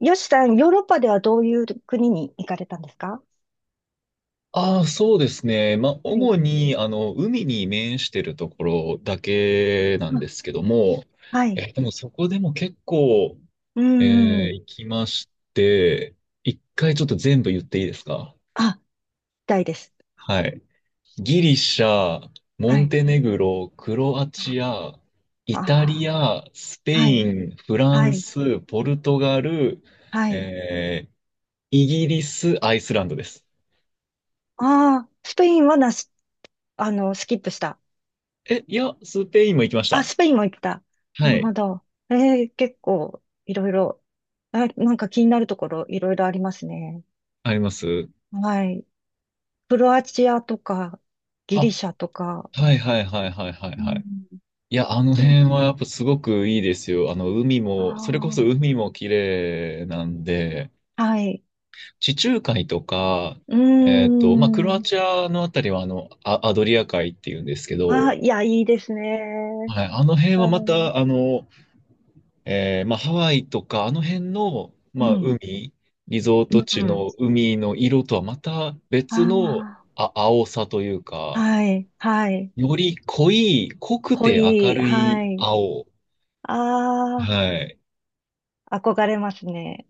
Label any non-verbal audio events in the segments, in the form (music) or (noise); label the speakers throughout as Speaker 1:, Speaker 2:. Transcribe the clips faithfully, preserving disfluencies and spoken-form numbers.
Speaker 1: よしさん、ヨーロッパではどういう国に行かれたんですか？
Speaker 2: ああ、そうですね。まあ、
Speaker 1: はい。
Speaker 2: 主に、あの、海に面してるところだけなん
Speaker 1: あ、
Speaker 2: ですけども、
Speaker 1: はい。
Speaker 2: えーでもそこでも結構、
Speaker 1: うー
Speaker 2: えー
Speaker 1: ん。
Speaker 2: 行きまして、一回ちょっと全部言っていいですか？
Speaker 1: あ、行たいです。
Speaker 2: はい。ギリシャ、モ
Speaker 1: は
Speaker 2: ン
Speaker 1: い。
Speaker 2: テネグロ、クロア
Speaker 1: あ
Speaker 2: チア、イタ
Speaker 1: あ
Speaker 2: リア、スペ
Speaker 1: あ、は
Speaker 2: イ
Speaker 1: い。
Speaker 2: ン、フラ
Speaker 1: は
Speaker 2: ン
Speaker 1: い。
Speaker 2: ス、ポルトガル、
Speaker 1: はい。
Speaker 2: えーイギリス、アイスランドです。
Speaker 1: ああ、スペインはなし、あの、スキップした。
Speaker 2: え、いや、スペインも行きまし
Speaker 1: あ、
Speaker 2: た。
Speaker 1: スペインも行った。
Speaker 2: は
Speaker 1: なる
Speaker 2: い。
Speaker 1: ほど。えー、結構、いろいろ、あ、なんか気になるところ、いろいろありますね。
Speaker 2: あります。
Speaker 1: はい。クロアチアとか、ギリ
Speaker 2: あ、
Speaker 1: シャとか、
Speaker 2: はいはいはいはいはい
Speaker 1: う
Speaker 2: は
Speaker 1: ん。
Speaker 2: い。いや、あの
Speaker 1: ち
Speaker 2: 辺はやっぱすごくいいですよ。あの、海も、それこそ
Speaker 1: あ
Speaker 2: 海も綺麗なんで、
Speaker 1: あ、はい。
Speaker 2: 地中海とか、
Speaker 1: う
Speaker 2: え
Speaker 1: ー
Speaker 2: っと、まあ、クロア
Speaker 1: ん。
Speaker 2: チアのあたりは、あの、ア、アドリア海っていうんですけ
Speaker 1: ああ、
Speaker 2: ど、
Speaker 1: いや、いいですね。
Speaker 2: はい、あの辺は
Speaker 1: は
Speaker 2: ま
Speaker 1: い。
Speaker 2: た、あの、えーまあ、ハワイとか、あの辺の、
Speaker 1: う
Speaker 2: まあ、
Speaker 1: ん。
Speaker 2: 海、リゾー
Speaker 1: う
Speaker 2: ト地
Speaker 1: ん。
Speaker 2: の海の色とはまた別の、
Speaker 1: あ
Speaker 2: あ、青さという
Speaker 1: あ、
Speaker 2: か、
Speaker 1: はい、はい。
Speaker 2: より濃い、濃く
Speaker 1: 濃
Speaker 2: て明
Speaker 1: い、
Speaker 2: る
Speaker 1: は
Speaker 2: い
Speaker 1: い。
Speaker 2: 青。
Speaker 1: あ
Speaker 2: はい。
Speaker 1: あ、憧れますね。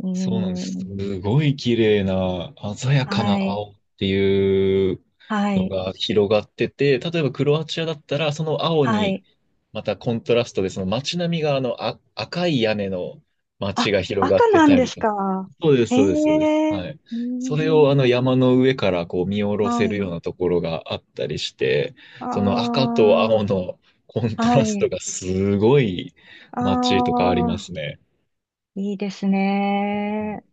Speaker 1: う
Speaker 2: そうなんで
Speaker 1: ー
Speaker 2: す。
Speaker 1: ん。
Speaker 2: すごい綺麗な、鮮やかな
Speaker 1: はい、
Speaker 2: 青っていう
Speaker 1: は
Speaker 2: の
Speaker 1: い、
Speaker 2: が広がってて、例えばクロアチアだったら、その青
Speaker 1: は
Speaker 2: に、
Speaker 1: い。
Speaker 2: またコントラストで、その街並みがあのあ赤い屋根の街
Speaker 1: あ、
Speaker 2: が広がっ
Speaker 1: 赤
Speaker 2: て
Speaker 1: なん
Speaker 2: た
Speaker 1: で
Speaker 2: り
Speaker 1: す
Speaker 2: とか。
Speaker 1: か？
Speaker 2: そうです、
Speaker 1: へ
Speaker 2: そうです、そうです。
Speaker 1: え、
Speaker 2: は
Speaker 1: う
Speaker 2: い。
Speaker 1: ー
Speaker 2: それをあ
Speaker 1: ん。
Speaker 2: の山の上からこう見下ろせ
Speaker 1: は
Speaker 2: るよ
Speaker 1: い。
Speaker 2: うなところがあったりして、
Speaker 1: あ
Speaker 2: その赤と青のコン
Speaker 1: あ、
Speaker 2: ト
Speaker 1: は
Speaker 2: ラス
Speaker 1: い。
Speaker 2: トがすごい
Speaker 1: あ
Speaker 2: 街とかあります
Speaker 1: あ、
Speaker 2: ね。
Speaker 1: いいですね。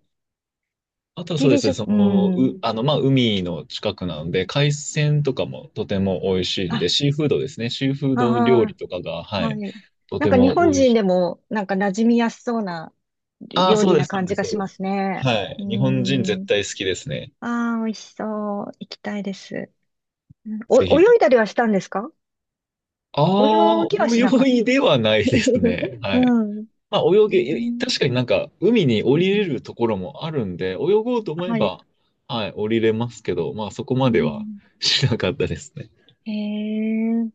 Speaker 2: あとはそ
Speaker 1: ギ
Speaker 2: うで
Speaker 1: リ
Speaker 2: す
Speaker 1: シ
Speaker 2: ね、
Speaker 1: ャ、
Speaker 2: そ
Speaker 1: う
Speaker 2: の、
Speaker 1: ん。
Speaker 2: う、あの、まあ、海の近くなので、海鮮とかもとても美味しいんで、
Speaker 1: あ、
Speaker 2: シーフードですね、シーフード料理
Speaker 1: あ
Speaker 2: とかが、は
Speaker 1: は
Speaker 2: い、
Speaker 1: い。
Speaker 2: と
Speaker 1: なん
Speaker 2: て
Speaker 1: か日
Speaker 2: も
Speaker 1: 本
Speaker 2: 美味し
Speaker 1: 人
Speaker 2: い。
Speaker 1: でも、なんか馴染みやすそうな
Speaker 2: ああ、
Speaker 1: 料
Speaker 2: そう
Speaker 1: 理
Speaker 2: で
Speaker 1: な
Speaker 2: す、そう
Speaker 1: 感
Speaker 2: で
Speaker 1: じ
Speaker 2: す、
Speaker 1: が
Speaker 2: そう
Speaker 1: し
Speaker 2: です。
Speaker 1: ますね。
Speaker 2: は
Speaker 1: うー
Speaker 2: い、日本人絶
Speaker 1: ん。
Speaker 2: 対好きですね。
Speaker 1: ああ、美味しそう。行きたいです。うん
Speaker 2: ぜひ
Speaker 1: お、
Speaker 2: ぜひ。
Speaker 1: 泳いだりはしたんですか？
Speaker 2: ああ、
Speaker 1: 泳ぎはしなか
Speaker 2: 泳
Speaker 1: った。
Speaker 2: いではないですね。
Speaker 1: (laughs) う
Speaker 2: はい。
Speaker 1: ん。
Speaker 2: まあ、泳
Speaker 1: う
Speaker 2: げ、
Speaker 1: ん、
Speaker 2: 確かになんか、海に降りれるところもあるんで、泳ごうと思え
Speaker 1: はい。
Speaker 2: ば、はい、降りれますけど、まあ、そこ
Speaker 1: う
Speaker 2: までは
Speaker 1: ん、
Speaker 2: しなかったですね。
Speaker 1: へえ。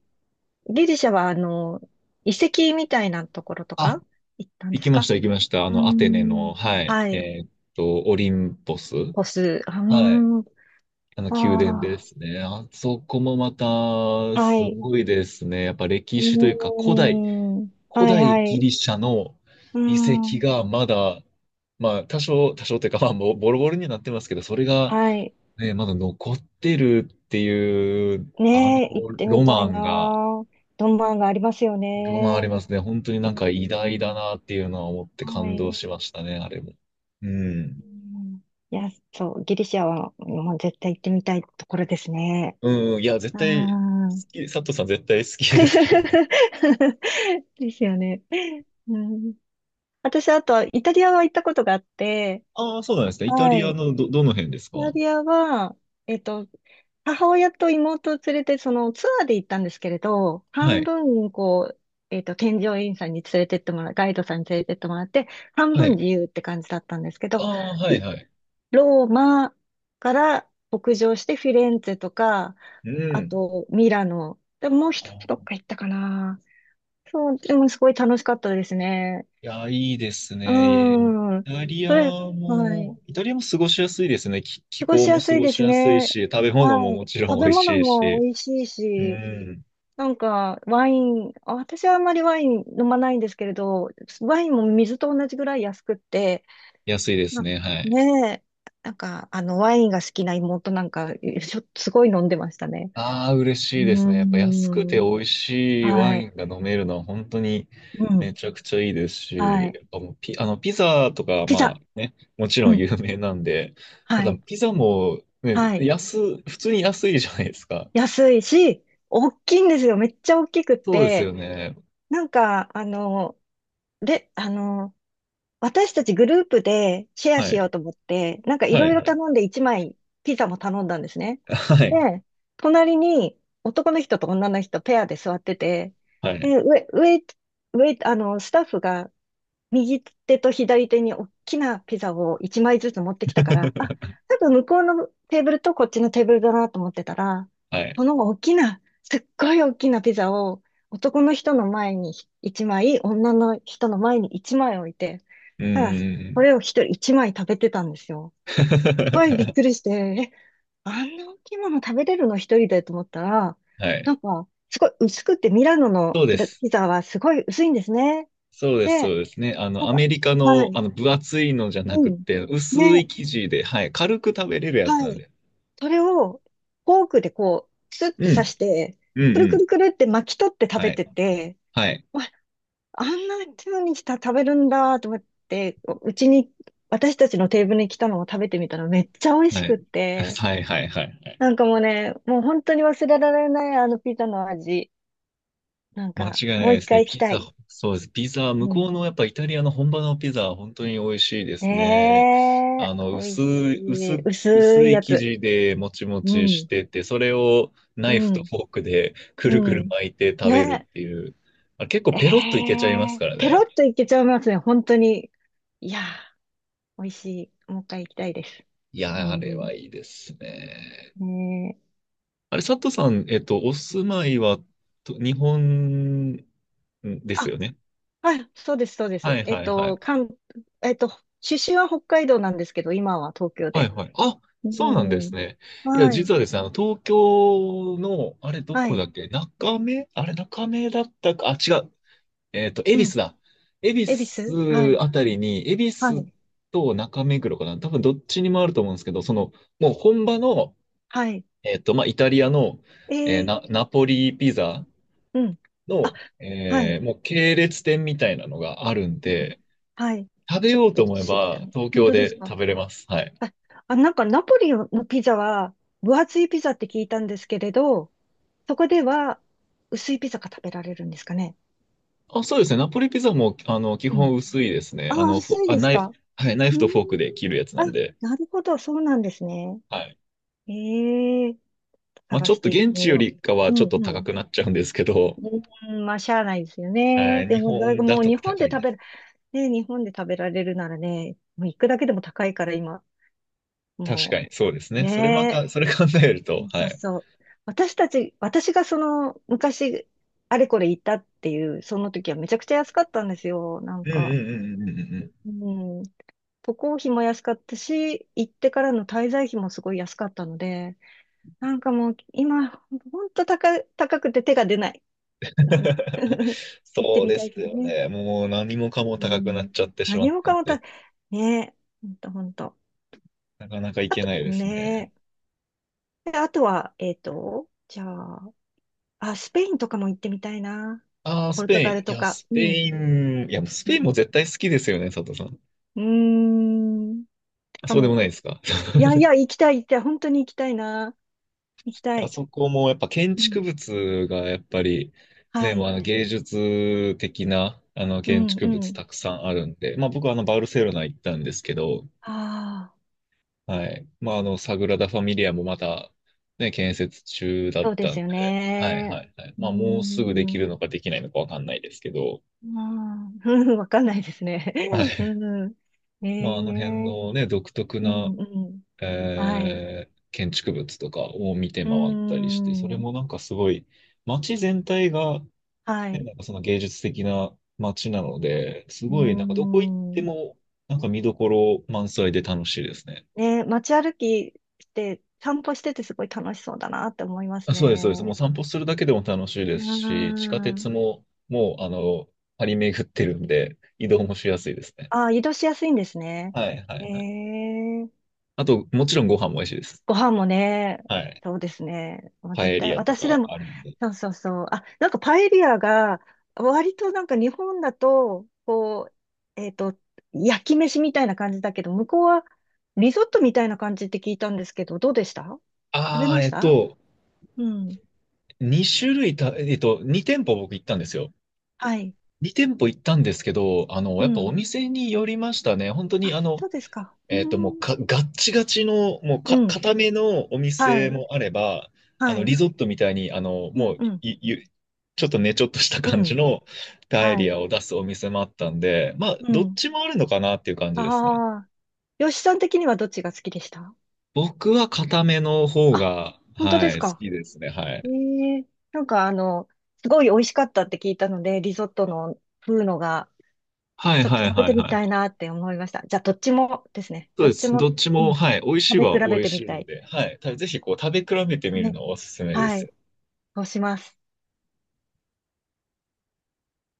Speaker 1: ギリシャは、あの、遺跡みたいなところと
Speaker 2: あ、
Speaker 1: か行ったん
Speaker 2: 行
Speaker 1: で
Speaker 2: き
Speaker 1: す
Speaker 2: まし
Speaker 1: か？
Speaker 2: た、行きました。あ
Speaker 1: う
Speaker 2: の、
Speaker 1: ー
Speaker 2: アテネ
Speaker 1: ん。
Speaker 2: の、はい、
Speaker 1: はい。
Speaker 2: えーっと、オリンポス。
Speaker 1: ポス。うー
Speaker 2: はい。
Speaker 1: ん。
Speaker 2: あの、宮殿で
Speaker 1: あ
Speaker 2: すね。あそこもまた、
Speaker 1: あ。は
Speaker 2: す
Speaker 1: い。
Speaker 2: ごいですね。やっぱ歴
Speaker 1: う
Speaker 2: 史というか、古代、
Speaker 1: ーん。
Speaker 2: 古
Speaker 1: はいは
Speaker 2: 代ギ
Speaker 1: い。
Speaker 2: リシャの
Speaker 1: うー
Speaker 2: 遺跡
Speaker 1: ん。
Speaker 2: がまだ、まあ、多少、多少というか、まあ、もうボロボロになってますけど、それが、
Speaker 1: はい。
Speaker 2: ね、まだ残ってるっていう、あの、
Speaker 1: ねえ、行ってみ
Speaker 2: ロ
Speaker 1: たい
Speaker 2: マ
Speaker 1: な。
Speaker 2: ンが、
Speaker 1: ロマンがありますよ
Speaker 2: ロマンあり
Speaker 1: ね。
Speaker 2: ますね。本当に
Speaker 1: う
Speaker 2: な
Speaker 1: ー
Speaker 2: んか偉大だ
Speaker 1: ん。
Speaker 2: なっていうのは思って
Speaker 1: は
Speaker 2: 感
Speaker 1: い。
Speaker 2: 動
Speaker 1: う
Speaker 2: しましたね、あれも。うん。
Speaker 1: ーん、いや、そう、ギリシアはもう絶対行ってみたいところですね。
Speaker 2: うん、いや、絶
Speaker 1: うー
Speaker 2: 対、好
Speaker 1: ん。
Speaker 2: き、佐藤さん絶対好きですよね。
Speaker 1: (laughs) ですよね。うん、私、あと、イタリアは行ったことがあって、
Speaker 2: ああ、そうなんですか。イタ
Speaker 1: は
Speaker 2: リ
Speaker 1: い。
Speaker 2: ア
Speaker 1: イ
Speaker 2: のど、どの辺ですか？
Speaker 1: タ
Speaker 2: は
Speaker 1: リアは、えっと、母親と妹を連れて、そのツアーで行ったんですけれど、半
Speaker 2: い。
Speaker 1: 分、こう、えっと、添乗員さんに連れてってもらう、ガイドさんに連れてってもらって、半
Speaker 2: は
Speaker 1: 分
Speaker 2: い。
Speaker 1: 自由って感じだったんですけ
Speaker 2: あ
Speaker 1: ど、
Speaker 2: あ、はい、はい。
Speaker 1: ローマから北上してフィレンツェとか、
Speaker 2: う
Speaker 1: あ
Speaker 2: ん。
Speaker 1: とミラノ、でもう一つ
Speaker 2: あ、
Speaker 1: どっか行ったかな。そう、でもすごい楽しかったですね。
Speaker 2: いや、いいです
Speaker 1: う
Speaker 2: ね。イ
Speaker 1: ーん。
Speaker 2: タリア
Speaker 1: それ、はい。
Speaker 2: も、イタリアも過ごしやすいですね。気、気
Speaker 1: 過ご
Speaker 2: 候
Speaker 1: し
Speaker 2: も
Speaker 1: やす
Speaker 2: 過
Speaker 1: い
Speaker 2: ご
Speaker 1: で
Speaker 2: し
Speaker 1: す
Speaker 2: やすい
Speaker 1: ね。
Speaker 2: し、食べ物も
Speaker 1: は
Speaker 2: も
Speaker 1: い。
Speaker 2: ちろ
Speaker 1: 食
Speaker 2: ん美
Speaker 1: べ
Speaker 2: 味
Speaker 1: 物
Speaker 2: しい
Speaker 1: も
Speaker 2: し。
Speaker 1: 美味しい
Speaker 2: う
Speaker 1: し、
Speaker 2: ん。
Speaker 1: なんかワイン、あ私はあんまりワイン飲まないんですけれど、ワインも水と同じぐらい安くって、
Speaker 2: 安いです
Speaker 1: な
Speaker 2: ね。はい。
Speaker 1: ねえ、なんかあのワインが好きな妹なんか、しょ、すごい飲んでましたね。
Speaker 2: ああ、嬉
Speaker 1: う
Speaker 2: しいです
Speaker 1: ー
Speaker 2: ね。やっぱ安くて美
Speaker 1: ん。
Speaker 2: 味しいワ
Speaker 1: は
Speaker 2: イ
Speaker 1: い。
Speaker 2: ンが飲めるのは本当に
Speaker 1: う
Speaker 2: め
Speaker 1: ん。
Speaker 2: ちゃくちゃいいです
Speaker 1: は
Speaker 2: し、
Speaker 1: い。
Speaker 2: やっぱもうピ、あの、ピザとか、
Speaker 1: ピ
Speaker 2: ま
Speaker 1: ザ。
Speaker 2: あね、もち
Speaker 1: う
Speaker 2: ろん
Speaker 1: ん。
Speaker 2: 有名なんで、た
Speaker 1: は
Speaker 2: だ
Speaker 1: い。
Speaker 2: ピザもね、
Speaker 1: はい。
Speaker 2: 安、普通に安いじゃないですか。
Speaker 1: 安いし、大きいんですよ。めっちゃ大きくっ
Speaker 2: そうです
Speaker 1: て、
Speaker 2: よね。
Speaker 1: なんか、あの、で、あの、私たちグループでシェア
Speaker 2: は
Speaker 1: しよう
Speaker 2: い。
Speaker 1: と思って、なんかい
Speaker 2: は
Speaker 1: ろい
Speaker 2: い、
Speaker 1: ろ
Speaker 2: はい。
Speaker 1: 頼んでいちまいピザも頼んだんですね。
Speaker 2: はい。
Speaker 1: で、隣に男の人と女の人ペアで座ってて、
Speaker 2: はい。
Speaker 1: で、上、上、上、あの、スタッフが右手と左手に大きなピザをいちまいずつ持ってきたから、あ、
Speaker 2: (laughs)
Speaker 1: 多分向こうのテーブルとこっちのテーブルだなと思ってたら、
Speaker 2: はい。
Speaker 1: この大きな、すっごい大きなピザを男の人の前にいちまい、女の人の前にいちまい置いて、
Speaker 2: うん、う
Speaker 1: ただ、
Speaker 2: ん、う
Speaker 1: そ
Speaker 2: ん。
Speaker 1: れを一人一枚食べてたんですよ。はい、びっく
Speaker 2: (laughs)
Speaker 1: りして、え、あんな大きいもの食べれるの一人でと思ったら、
Speaker 2: はい。
Speaker 1: なんか、すごい薄くて、ミラノの
Speaker 2: そうで
Speaker 1: ピラ、
Speaker 2: す。
Speaker 1: ピザはすごい薄いんですね。
Speaker 2: そうです、そう
Speaker 1: で、
Speaker 2: ですね。あ
Speaker 1: な
Speaker 2: の、
Speaker 1: ん
Speaker 2: アメ
Speaker 1: か、
Speaker 2: リカ
Speaker 1: は
Speaker 2: の、あ
Speaker 1: い、
Speaker 2: の、分厚いのじゃな
Speaker 1: う
Speaker 2: く
Speaker 1: ん、
Speaker 2: て、薄
Speaker 1: ね、
Speaker 2: い生地で、はい、軽く食べれるやつな
Speaker 1: は
Speaker 2: ん
Speaker 1: い。
Speaker 2: で。
Speaker 1: それを、フォークでこう、スッ
Speaker 2: う
Speaker 1: て刺
Speaker 2: ん、
Speaker 1: して、
Speaker 2: うん、う
Speaker 1: くるく
Speaker 2: ん。
Speaker 1: るくるって巻き取って食
Speaker 2: は
Speaker 1: べ
Speaker 2: い、
Speaker 1: てて、
Speaker 2: はい、
Speaker 1: わあんな風にした、食べるんだと思って、うちに、私たちのテーブルに来たのを食べてみたらめっちゃ美味
Speaker 2: は
Speaker 1: し
Speaker 2: い。
Speaker 1: くっ
Speaker 2: (laughs)
Speaker 1: て、
Speaker 2: はい、はい、はい、はい。
Speaker 1: なんかもうね、もう本当に忘れられない、あのピザの味。なん
Speaker 2: 間違
Speaker 1: か、
Speaker 2: いない
Speaker 1: もう
Speaker 2: で
Speaker 1: 一
Speaker 2: すね。
Speaker 1: 回行き
Speaker 2: ピ
Speaker 1: た
Speaker 2: ザ、
Speaker 1: い。
Speaker 2: そうです。ピザ、向
Speaker 1: う
Speaker 2: こ
Speaker 1: ん。
Speaker 2: うのやっぱイタリアの本場のピザは本当に美味しいですね。
Speaker 1: ね
Speaker 2: あ
Speaker 1: え、
Speaker 2: の、
Speaker 1: 美味
Speaker 2: 薄
Speaker 1: し
Speaker 2: い、薄、
Speaker 1: い。薄
Speaker 2: 薄
Speaker 1: い
Speaker 2: い
Speaker 1: や
Speaker 2: 生
Speaker 1: つ。
Speaker 2: 地でもちも
Speaker 1: う
Speaker 2: ちし
Speaker 1: ん、
Speaker 2: てて、それをナ
Speaker 1: う
Speaker 2: イフと
Speaker 1: ん、
Speaker 2: フォークでく
Speaker 1: う
Speaker 2: るくる
Speaker 1: ん。
Speaker 2: 巻いて食べる
Speaker 1: ね
Speaker 2: っていう。あれ結構
Speaker 1: え、
Speaker 2: ペロッとい
Speaker 1: え
Speaker 2: けちゃいます
Speaker 1: ー、
Speaker 2: から
Speaker 1: ペロ
Speaker 2: ね。
Speaker 1: ッといけちゃいますね、本当に。いやー、美味しい。もう一回行きたいです。
Speaker 2: い
Speaker 1: う
Speaker 2: や、あれ
Speaker 1: ん、
Speaker 2: はいいですね。
Speaker 1: ねえ。
Speaker 2: あれ、佐藤さん、えっと、お住まいはと日本です
Speaker 1: あ、
Speaker 2: よね？
Speaker 1: はい、そうです、そうで
Speaker 2: は
Speaker 1: す。
Speaker 2: い
Speaker 1: えっ
Speaker 2: はいはい。
Speaker 1: と、関、えっと、出身は北海道なんですけど、今は東京
Speaker 2: はい
Speaker 1: で。
Speaker 2: はい。あ、
Speaker 1: う
Speaker 2: そうなんです
Speaker 1: ん。
Speaker 2: ね。いや、
Speaker 1: はい、
Speaker 2: 実はですね、あの、東京の、あれ、ど
Speaker 1: は
Speaker 2: こだ
Speaker 1: い、
Speaker 2: っけ中目あれ、中目だったか、あ、違う。えっと、恵
Speaker 1: う
Speaker 2: 比
Speaker 1: ん。
Speaker 2: 寿だ。恵比
Speaker 1: 恵比寿、は
Speaker 2: 寿
Speaker 1: い、
Speaker 2: あたりに、恵比
Speaker 1: は
Speaker 2: 寿
Speaker 1: い、
Speaker 2: と中目黒かな。多分、どっちにもあると思うんですけど、その、もう本場の、
Speaker 1: はい。
Speaker 2: えっと、まあ、イタリアの、
Speaker 1: え
Speaker 2: えー
Speaker 1: ー、
Speaker 2: な、ナポリピザ。
Speaker 1: うん。あ、
Speaker 2: の、
Speaker 1: はい、
Speaker 2: えーもう系列店みたいなのがあるん
Speaker 1: うん。
Speaker 2: で、
Speaker 1: はい。
Speaker 2: 食べ
Speaker 1: ちょっ
Speaker 2: よう
Speaker 1: と
Speaker 2: と思え
Speaker 1: 知りたい。
Speaker 2: ば東
Speaker 1: 本
Speaker 2: 京
Speaker 1: 当です
Speaker 2: で
Speaker 1: か？
Speaker 2: 食べれます。はい。
Speaker 1: あ、あ、なんかナポリのピザは、分厚いピザって聞いたんですけれど、そこでは薄いピザが食べられるんですかね。
Speaker 2: あ、そうですね。ナポリピザも、あの、基
Speaker 1: う
Speaker 2: 本
Speaker 1: ん。
Speaker 2: 薄いですね。
Speaker 1: あ、
Speaker 2: あの、フォ
Speaker 1: 薄い
Speaker 2: あ、
Speaker 1: です
Speaker 2: ナイフ、
Speaker 1: か？
Speaker 2: はい、ナイ
Speaker 1: う
Speaker 2: フ
Speaker 1: ーん。
Speaker 2: とフォークで切るやつな
Speaker 1: あ、
Speaker 2: んで。
Speaker 1: なるほど、そうなんですね。
Speaker 2: はい。
Speaker 1: ええ、
Speaker 2: まあ、
Speaker 1: 探
Speaker 2: ちょっ
Speaker 1: し
Speaker 2: と
Speaker 1: ていって
Speaker 2: 現地
Speaker 1: み
Speaker 2: よ
Speaker 1: よ
Speaker 2: りかは
Speaker 1: う。
Speaker 2: ちょっ
Speaker 1: うん
Speaker 2: と
Speaker 1: う
Speaker 2: 高
Speaker 1: ん。
Speaker 2: くなっちゃうんですけど、
Speaker 1: うーん、まあ、しゃあないですよ
Speaker 2: は
Speaker 1: ね。
Speaker 2: い、
Speaker 1: で
Speaker 2: 日
Speaker 1: も、だい
Speaker 2: 本
Speaker 1: ぶ
Speaker 2: だ
Speaker 1: もう
Speaker 2: と
Speaker 1: 日本
Speaker 2: 高
Speaker 1: で
Speaker 2: い
Speaker 1: 食
Speaker 2: で
Speaker 1: べ
Speaker 2: す。
Speaker 1: る、ね、日本で食べられるならね、もう行くだけでも高いから今、
Speaker 2: 確
Speaker 1: も
Speaker 2: かに、そうです
Speaker 1: う、
Speaker 2: ね。それま
Speaker 1: ねえ、
Speaker 2: か、それ考えると、
Speaker 1: そ
Speaker 2: は
Speaker 1: う
Speaker 2: い。
Speaker 1: そう。私たち、私がその、昔、あれこれ行ったっていう、その時はめちゃくちゃ安かったんですよ、なん
Speaker 2: うんうん
Speaker 1: か。
Speaker 2: うんうんうんうん。
Speaker 1: うん。渡航費も安かったし、行ってからの滞在費もすごい安かったので、なんかもう今、ほんと高、高くて手が出ない。うん
Speaker 2: (laughs)
Speaker 1: (laughs) 行って
Speaker 2: そう
Speaker 1: み
Speaker 2: で
Speaker 1: た
Speaker 2: す
Speaker 1: いけど
Speaker 2: よ
Speaker 1: ね。
Speaker 2: ね。もう何もかも
Speaker 1: う
Speaker 2: 高くなっ
Speaker 1: ん。
Speaker 2: ちゃってしま
Speaker 1: 何
Speaker 2: っ
Speaker 1: も
Speaker 2: た
Speaker 1: か
Speaker 2: ん
Speaker 1: もた、
Speaker 2: で。
Speaker 1: ねえ、ほんとほんと。
Speaker 2: なかなか行
Speaker 1: あ
Speaker 2: け
Speaker 1: と、
Speaker 2: ないですね。
Speaker 1: ねえ。であとは、えっと、じゃあ、あ、スペインとかも行ってみたいな。
Speaker 2: ああ、
Speaker 1: ポ
Speaker 2: ス
Speaker 1: ルト
Speaker 2: ペイ
Speaker 1: ガル
Speaker 2: ン。い
Speaker 1: と
Speaker 2: や、
Speaker 1: か。
Speaker 2: スペ
Speaker 1: うん。
Speaker 2: イン。いや、もうス
Speaker 1: う
Speaker 2: ペインも
Speaker 1: ん。
Speaker 2: 絶対好きですよね、佐藤さん。
Speaker 1: うーん。
Speaker 2: あ、
Speaker 1: か
Speaker 2: そうでも
Speaker 1: も。
Speaker 2: ないですか。(laughs)
Speaker 1: いやいや、行きたい、行きたい。本当に行きたいな。行きた
Speaker 2: あ
Speaker 1: い。
Speaker 2: そこもやっぱ建
Speaker 1: う
Speaker 2: 築
Speaker 1: ん。
Speaker 2: 物がやっぱり、ね、
Speaker 1: は
Speaker 2: もう
Speaker 1: い。
Speaker 2: あの芸術的なあの
Speaker 1: う
Speaker 2: 建
Speaker 1: ん、
Speaker 2: 築
Speaker 1: う
Speaker 2: 物
Speaker 1: ん。
Speaker 2: たくさんあるんで、まあ僕はあのバルセロナ行ったんですけど、
Speaker 1: ああ、
Speaker 2: はい。まああのサグラダ・ファミリアもまたね、建設中だっ
Speaker 1: そうで
Speaker 2: たん
Speaker 1: すよ
Speaker 2: で、はい
Speaker 1: ね。
Speaker 2: はいはい。
Speaker 1: うー
Speaker 2: まあもうすぐでき
Speaker 1: ん。
Speaker 2: るのかできないのかわかんないですけど、
Speaker 1: ああ、うん (laughs) わかんないですね。
Speaker 2: は
Speaker 1: (laughs)
Speaker 2: い。
Speaker 1: うん、え
Speaker 2: まああの辺
Speaker 1: え、
Speaker 2: のね、独特
Speaker 1: う
Speaker 2: な
Speaker 1: ん、うん。はい。
Speaker 2: えー建築物とかを見て
Speaker 1: う
Speaker 2: 回ったりして、それ
Speaker 1: ん。
Speaker 2: もなんかすごい、街全体が、
Speaker 1: は
Speaker 2: ね、
Speaker 1: い。
Speaker 2: なんかその芸術的な街なので、す
Speaker 1: う
Speaker 2: ごいなんかどこ行って
Speaker 1: ん。
Speaker 2: も、なんか見どころ満載で楽しいですね。
Speaker 1: ね、街歩きして、散歩しててすごい楽しそうだなって思います
Speaker 2: あ、そうです、そうです。もう
Speaker 1: ね。
Speaker 2: 散歩するだけでも楽しいで
Speaker 1: う
Speaker 2: すし、地下鉄
Speaker 1: ん。
Speaker 2: ももう、あの、張り巡ってるんで、移動もしやすいですね。
Speaker 1: ああ、移動しやすいんですね。
Speaker 2: はい、は
Speaker 1: え
Speaker 2: い、はい。
Speaker 1: え、
Speaker 2: あと、もちろんご飯も美味しいです。
Speaker 1: ご飯もね、
Speaker 2: はい。
Speaker 1: そうですね。もう
Speaker 2: パ
Speaker 1: 絶
Speaker 2: エリ
Speaker 1: 対、
Speaker 2: アと
Speaker 1: 私で
Speaker 2: か
Speaker 1: も、
Speaker 2: あるんで。
Speaker 1: そうそうそう。あ、なんかパエリアが、割となんか日本だと、こう、えっと、焼き飯みたいな感じだけど、向こうはリゾットみたいな感じって聞いたんですけど、どうでした？食べ
Speaker 2: ああ、
Speaker 1: まし
Speaker 2: えっ
Speaker 1: た？
Speaker 2: と、
Speaker 1: うん。
Speaker 2: 2種類た、えっと、に店舗僕行ったんですよ。
Speaker 1: はい。
Speaker 2: に店舗行ったんですけど、あの、
Speaker 1: う
Speaker 2: やっぱお
Speaker 1: ん。
Speaker 2: 店によりましたね。本当に
Speaker 1: あ、
Speaker 2: あの、
Speaker 1: そうですか。う
Speaker 2: えっと、もう
Speaker 1: ん。
Speaker 2: か、ガッチガチの、もう
Speaker 1: う
Speaker 2: か、
Speaker 1: ん。
Speaker 2: 固めのお
Speaker 1: は
Speaker 2: 店
Speaker 1: い。
Speaker 2: もあれば、あ
Speaker 1: は
Speaker 2: の、リ
Speaker 1: い。
Speaker 2: ゾットみたいに、あの、
Speaker 1: うん。
Speaker 2: もう、
Speaker 1: うん。
Speaker 2: い、ゆちょっとね、ちょっとした
Speaker 1: う
Speaker 2: 感じ
Speaker 1: ん。
Speaker 2: のパエ
Speaker 1: は
Speaker 2: リ
Speaker 1: い。
Speaker 2: アを出すお店もあったんで、まあ、
Speaker 1: う
Speaker 2: どっ
Speaker 1: ん。
Speaker 2: ちもあるのかなっていう感じですね。
Speaker 1: ああ。吉さん的にはどっちが好きでした？
Speaker 2: 僕は固めの方
Speaker 1: あ、
Speaker 2: が、
Speaker 1: 本当
Speaker 2: は
Speaker 1: で
Speaker 2: い、
Speaker 1: す
Speaker 2: 好
Speaker 1: か？
Speaker 2: きですね。は
Speaker 1: え
Speaker 2: い。
Speaker 1: え、なんかあの、すごい美味しかったって聞いたので、リゾットの風のが、
Speaker 2: はい
Speaker 1: ちょっと
Speaker 2: はい
Speaker 1: 食べ
Speaker 2: は
Speaker 1: て
Speaker 2: い
Speaker 1: み
Speaker 2: は
Speaker 1: たい
Speaker 2: い。
Speaker 1: なって思いました。じゃあ、どっちもですね。
Speaker 2: そう
Speaker 1: ど
Speaker 2: で
Speaker 1: っち
Speaker 2: す。ど
Speaker 1: も、
Speaker 2: っち
Speaker 1: う
Speaker 2: も、
Speaker 1: ん、
Speaker 2: はい、美味し
Speaker 1: 食
Speaker 2: い
Speaker 1: べ
Speaker 2: は
Speaker 1: 比べ
Speaker 2: 美味
Speaker 1: てみ
Speaker 2: しい
Speaker 1: た
Speaker 2: ん
Speaker 1: い。
Speaker 2: で、はい、たぜひこう食べ比べてみる
Speaker 1: ね。
Speaker 2: のをおすすめで
Speaker 1: はい。
Speaker 2: す。
Speaker 1: そうします。